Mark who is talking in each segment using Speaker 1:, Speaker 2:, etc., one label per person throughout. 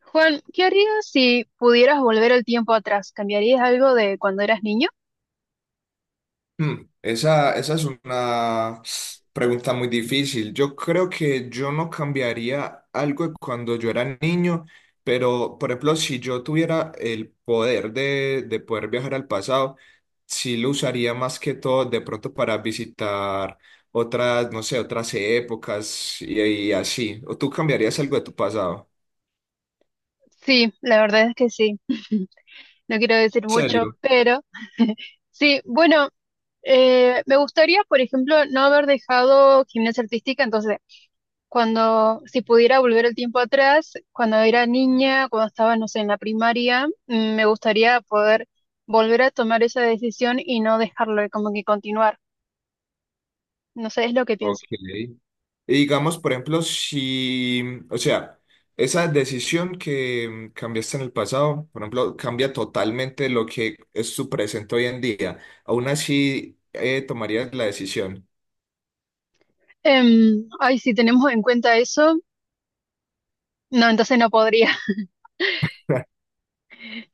Speaker 1: Juan, ¿qué harías si pudieras volver el tiempo atrás? ¿Cambiarías algo de cuando eras niño?
Speaker 2: Esa es una pregunta muy difícil. Yo creo que yo no cambiaría algo de cuando yo era niño, pero por ejemplo, si yo tuviera el poder de poder viajar al pasado, sí lo usaría más que todo de pronto para visitar otras, no sé, otras épocas y así. ¿O tú cambiarías algo de tu pasado?
Speaker 1: Sí, la verdad es que sí. No quiero decir
Speaker 2: ¿En
Speaker 1: mucho,
Speaker 2: serio?
Speaker 1: pero sí, bueno, me gustaría, por ejemplo, no haber dejado gimnasia artística, entonces, cuando, si pudiera volver el tiempo atrás, cuando era niña, cuando estaba, no sé, en la primaria, me gustaría poder volver a tomar esa decisión y no dejarlo, como que continuar. No sé, es lo que pienso.
Speaker 2: Ok. Y digamos, por ejemplo, si, o sea, esa decisión que cambiaste en el pasado, por ejemplo, cambia totalmente lo que es tu presente hoy en día. Aún así, tomarías la decisión.
Speaker 1: Ay, si tenemos en cuenta eso. No, entonces no podría.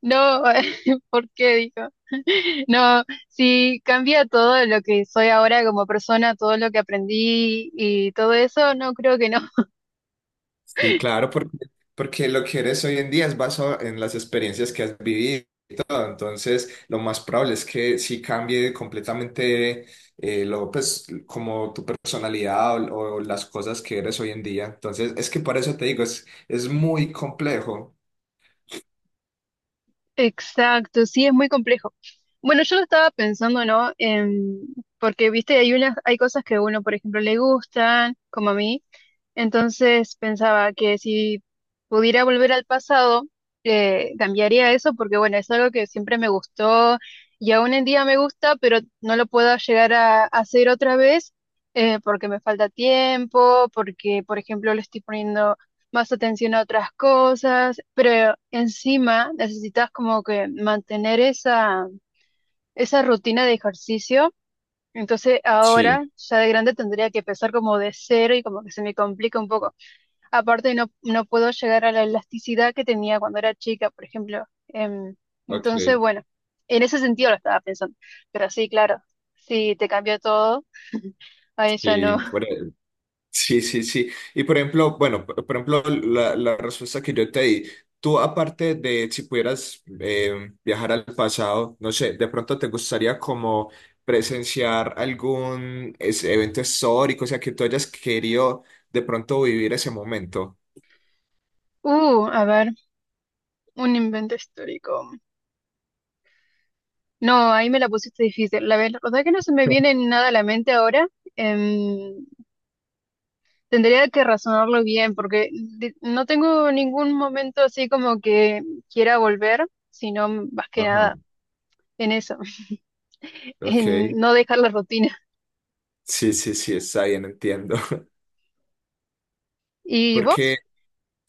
Speaker 1: No, ¿por qué? Dijo. No, si cambia todo lo que soy ahora como persona, todo lo que aprendí y todo eso, no creo que no.
Speaker 2: Sí, claro, porque lo que eres hoy en día es basado en las experiencias que has vivido y todo. Entonces, lo más probable es que sí cambie completamente lo, pues, como tu personalidad o las cosas que eres hoy en día. Entonces, es que por eso te digo, es muy complejo.
Speaker 1: Exacto, sí, es muy complejo. Bueno, yo lo estaba pensando, ¿no? En- porque, viste, hay unas, hay cosas que a uno, por ejemplo, le gustan, como a mí. Entonces pensaba que si pudiera volver al pasado, cambiaría eso, porque, bueno, es algo que siempre me gustó y aún en día me gusta, pero no lo puedo llegar a hacer otra vez, porque me falta tiempo, porque, por ejemplo, le estoy poniendo más atención a otras cosas, pero encima necesitas como que mantener esa rutina de ejercicio. Entonces
Speaker 2: Sí,
Speaker 1: ahora, ya de grande, tendría que empezar como de cero y como que se me complica un poco. Aparte, no, no puedo llegar a la elasticidad que tenía cuando era chica, por ejemplo. Entonces,
Speaker 2: ok,
Speaker 1: bueno, en ese sentido lo estaba pensando. Pero sí, claro, si te cambió todo, ahí ya no.
Speaker 2: sí, sí, sí, sí. Y por ejemplo, bueno, por ejemplo, la respuesta que yo te di, tú aparte de si pudieras viajar al pasado, no sé, de pronto te gustaría como presenciar algún evento histórico, o sea, que tú hayas querido de pronto vivir ese momento.
Speaker 1: A ver, un invento histórico. No, ahí me la pusiste difícil. La verdad que no se me viene nada a la mente ahora. Em, tendría que razonarlo bien porque no tengo ningún momento así como que quiera volver, sino más que
Speaker 2: Ajá.
Speaker 1: nada en eso, en
Speaker 2: Ok.
Speaker 1: no dejar la rutina.
Speaker 2: Sí, sí, sí, está bien, entiendo.
Speaker 1: ¿Y vos?
Speaker 2: Porque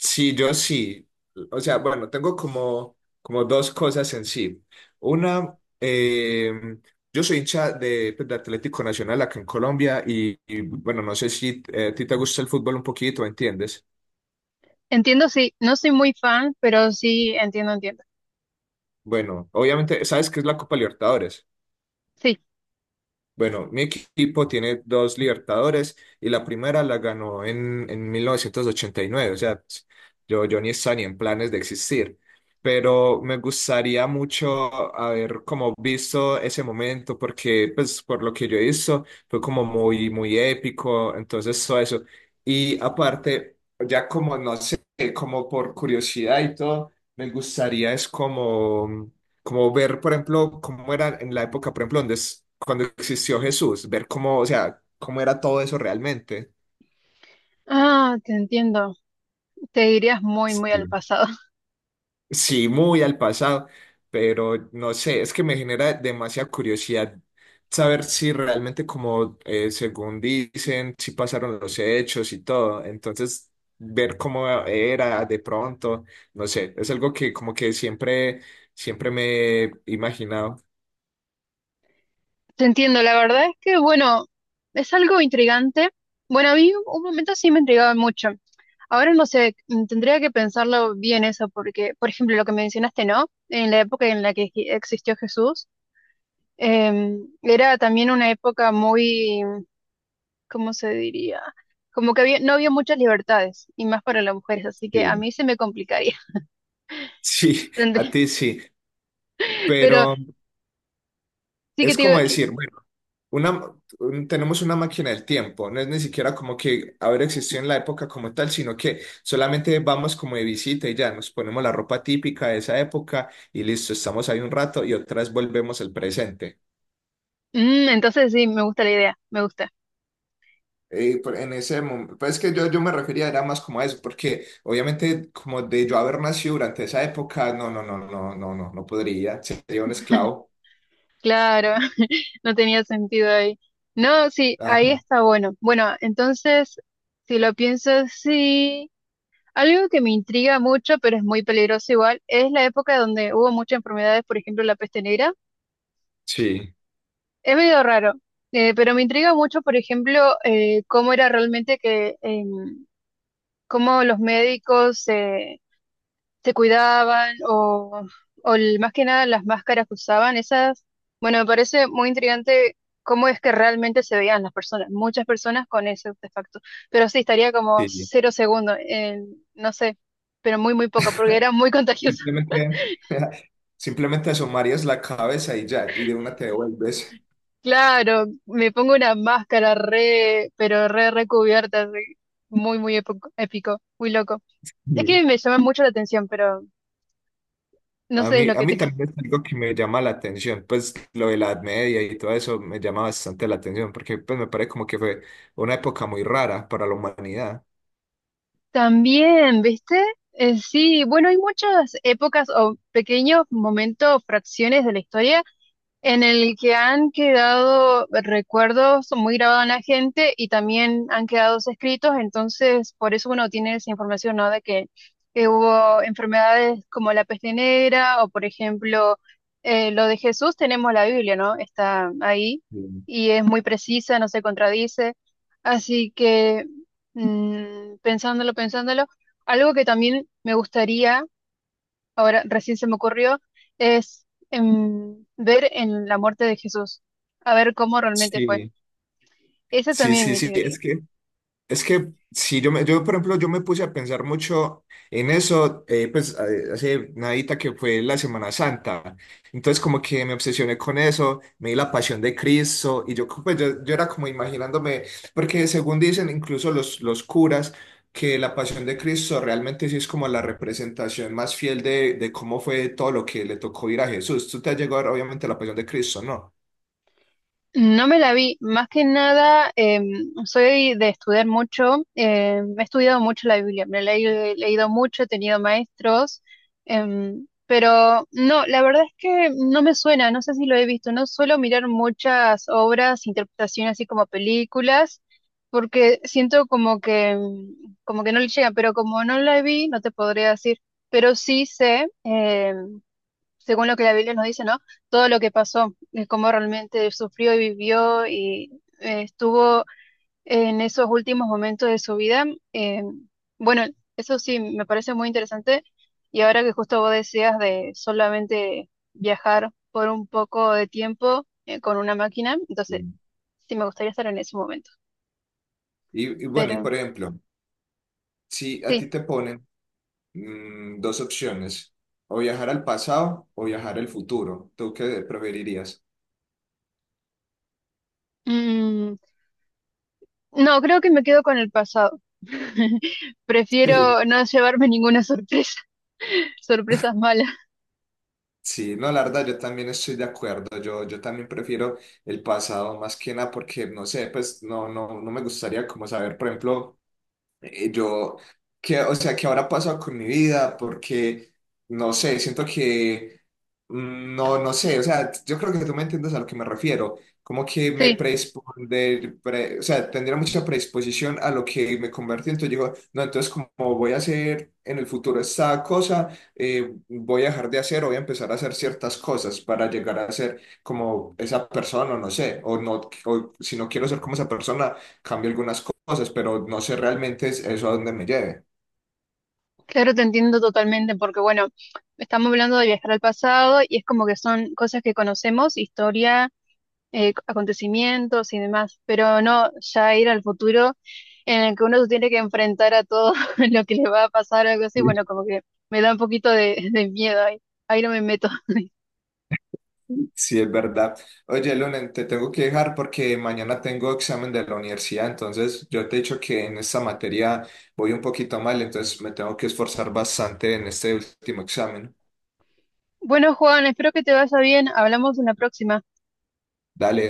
Speaker 2: Sí, yo sí. O sea, bueno, tengo como, dos cosas en sí. Una, yo soy hincha de, pues, de Atlético Nacional acá en Colombia y, bueno, no sé si a ti te gusta el fútbol un poquito, ¿entiendes?
Speaker 1: Entiendo, sí. No soy muy fan, pero sí entiendo, entiendo.
Speaker 2: Bueno, obviamente, ¿sabes qué es la Copa Libertadores?
Speaker 1: Sí.
Speaker 2: Bueno, mi equipo tiene dos Libertadores y la primera la ganó en 1989. O sea, yo ni estaba ni en planes de existir, pero me gustaría mucho haber como visto ese momento porque, pues, por lo que yo he visto, fue como muy, muy épico, entonces todo eso. Y aparte, ya como, no sé, como por curiosidad y todo, me gustaría es como ver, por ejemplo, cómo era en la época, por ejemplo, donde cuando existió Jesús, ver cómo, o sea, cómo era todo eso realmente.
Speaker 1: Ah, te entiendo. Te irías muy, muy
Speaker 2: Sí.
Speaker 1: al pasado.
Speaker 2: Sí, muy al pasado, pero no sé, es que me genera demasiada curiosidad saber si realmente como según dicen, si pasaron los hechos y todo. Entonces, ver cómo era de pronto, no sé, es algo que como que siempre, siempre me he imaginado.
Speaker 1: Te entiendo, la verdad es que, bueno, es algo intrigante. Bueno, a mí un momento sí me intrigaba mucho. Ahora no sé, tendría que pensarlo bien eso, porque, por ejemplo, lo que mencionaste, ¿no? En la época en la que existió Jesús, era también una época muy, ¿cómo se diría? Como que había, no había muchas libertades, y más para las mujeres, así que a
Speaker 2: Sí.
Speaker 1: mí se me complicaría.
Speaker 2: Sí, a
Speaker 1: Tendría-
Speaker 2: ti sí,
Speaker 1: Pero
Speaker 2: pero.
Speaker 1: sí que
Speaker 2: Es
Speaker 1: te
Speaker 2: como
Speaker 1: digo que,
Speaker 2: decir, bueno, una, tenemos una máquina del tiempo, no es ni siquiera como que haber existido en la época como tal, sino que solamente vamos como de visita y ya nos ponemos la ropa típica de esa época y listo, estamos ahí un rato y otra vez volvemos al presente.
Speaker 1: entonces sí, me gusta la idea, me gusta.
Speaker 2: En ese momento, pues es que yo me refería era más como a eso, porque obviamente como de yo haber nacido durante esa época, no, no, no, no, no, no, no podría, sería un esclavo.
Speaker 1: Claro. No tenía sentido ahí. No, sí, ahí
Speaker 2: Ajá.
Speaker 1: está bueno. Bueno, entonces, si lo pienso así, algo que me intriga mucho, pero es muy peligroso igual, es la época donde hubo muchas enfermedades, por ejemplo, la peste negra.
Speaker 2: Sí,
Speaker 1: Es medio raro, pero me intriga mucho, por ejemplo, cómo era realmente que, cómo los médicos se cuidaban o más que nada las máscaras que usaban, esas, bueno, me parece muy intrigante cómo es que realmente se veían las personas, muchas personas con ese artefacto, pero sí, estaría como
Speaker 2: sí.
Speaker 1: cero segundos, en, no sé, pero muy, muy poco, porque era muy contagioso.
Speaker 2: Simplemente, simplemente asomarías la cabeza y ya, y de una te devuelves.
Speaker 1: Claro, me pongo una máscara re, pero re recubierta, así, muy, muy épico, épico, muy loco. Es que
Speaker 2: Sí.
Speaker 1: me llama mucho la atención, pero no sé, es lo
Speaker 2: A
Speaker 1: que
Speaker 2: mí también es algo que me llama la atención, pues lo de la Edad Media y todo eso me llama bastante la atención, porque pues me parece como que fue una época muy rara para la humanidad.
Speaker 1: También, ¿viste? Sí, bueno, hay muchas épocas o pequeños momentos, fracciones de la historia en el que han quedado recuerdos muy grabados en la gente y también han quedado escritos, entonces por eso uno tiene esa información, ¿no? De que hubo enfermedades como la peste negra o, por ejemplo, lo de Jesús, tenemos la Biblia, ¿no? Está ahí y es muy precisa, no se contradice. Así que, pensándolo, pensándolo, algo que también me gustaría ahora recién se me ocurrió, es ver en la muerte de Jesús, a ver cómo realmente fue.
Speaker 2: Sí.
Speaker 1: Esa
Speaker 2: Sí,
Speaker 1: también es
Speaker 2: sí,
Speaker 1: mi
Speaker 2: sí,
Speaker 1: teoría.
Speaker 2: es que si yo, me, yo, por ejemplo, yo me puse a pensar mucho en eso, pues hace nadita que fue la Semana Santa. Entonces como que me obsesioné con eso, me di la pasión de Cristo y yo, pues, yo era como imaginándome, porque según dicen incluso los curas, que la pasión de Cristo realmente sí es como la representación más fiel de cómo fue todo lo que le tocó ir a Jesús. Tú te has llegado a ver, obviamente la pasión de Cristo, ¿no?
Speaker 1: No me la vi, más que nada soy de estudiar mucho, he estudiado mucho la Biblia, me la he leído mucho, he tenido maestros, pero no, la verdad es que no me suena, no sé si lo he visto, no suelo mirar muchas obras, interpretaciones así como películas, porque siento como que, como que no le llega, pero como no la vi, no te podría decir, pero sí sé, según lo que la Biblia nos dice, ¿no? Todo lo que pasó, cómo realmente sufrió y vivió y estuvo en esos últimos momentos de su vida. eh, bueno, eso sí, me parece muy interesante. Y ahora que justo vos decías de solamente viajar por un poco de tiempo con una máquina, entonces
Speaker 2: Sí.
Speaker 1: sí me gustaría estar en ese momento.
Speaker 2: Y bueno, y
Speaker 1: Pero
Speaker 2: por ejemplo, si a ti
Speaker 1: sí.
Speaker 2: te ponen. Mm, dos opciones, o viajar al pasado o viajar al futuro. ¿Tú qué preferirías?
Speaker 1: Mm, no, creo que me quedo con el pasado.
Speaker 2: Sí.
Speaker 1: Prefiero no llevarme ninguna sorpresa, sorpresas malas.
Speaker 2: Sí, no, la verdad, yo también estoy de acuerdo. Yo también prefiero el pasado más que nada porque, no sé, pues no, no, no me gustaría como saber, por ejemplo, yo, que, o sea, ¿qué habrá pasado con mi vida? Porque, no sé, siento que, no, no sé, o sea, yo creo que tú me entiendes a lo que me refiero, como que me
Speaker 1: Sí,
Speaker 2: predispone, o sea, tendría mucha predisposición a lo que me convertí, entonces digo, no, entonces como voy a hacer en el futuro esta cosa, voy a dejar de hacer o voy a empezar a hacer ciertas cosas para llegar a ser como esa persona, o no sé, o no, o si no quiero ser como esa persona cambio algunas cosas, pero no sé realmente eso a dónde me lleve.
Speaker 1: claro, te entiendo totalmente, porque bueno, estamos hablando de viajar al pasado y es como que son cosas que conocemos, historia, acontecimientos y demás, pero no ya ir al futuro en el que uno se tiene que enfrentar a todo lo que le va a pasar o algo así,
Speaker 2: Sí.
Speaker 1: bueno, como que me da un poquito de miedo ahí, ahí no me meto.
Speaker 2: Sí, es verdad. Oye, Lunen, te tengo que dejar porque mañana tengo examen de la universidad, entonces yo te he dicho que en esta materia voy un poquito mal, entonces me tengo que esforzar bastante en este último examen.
Speaker 1: Bueno, Juan, espero que te vaya bien, hablamos en la próxima.
Speaker 2: Dale.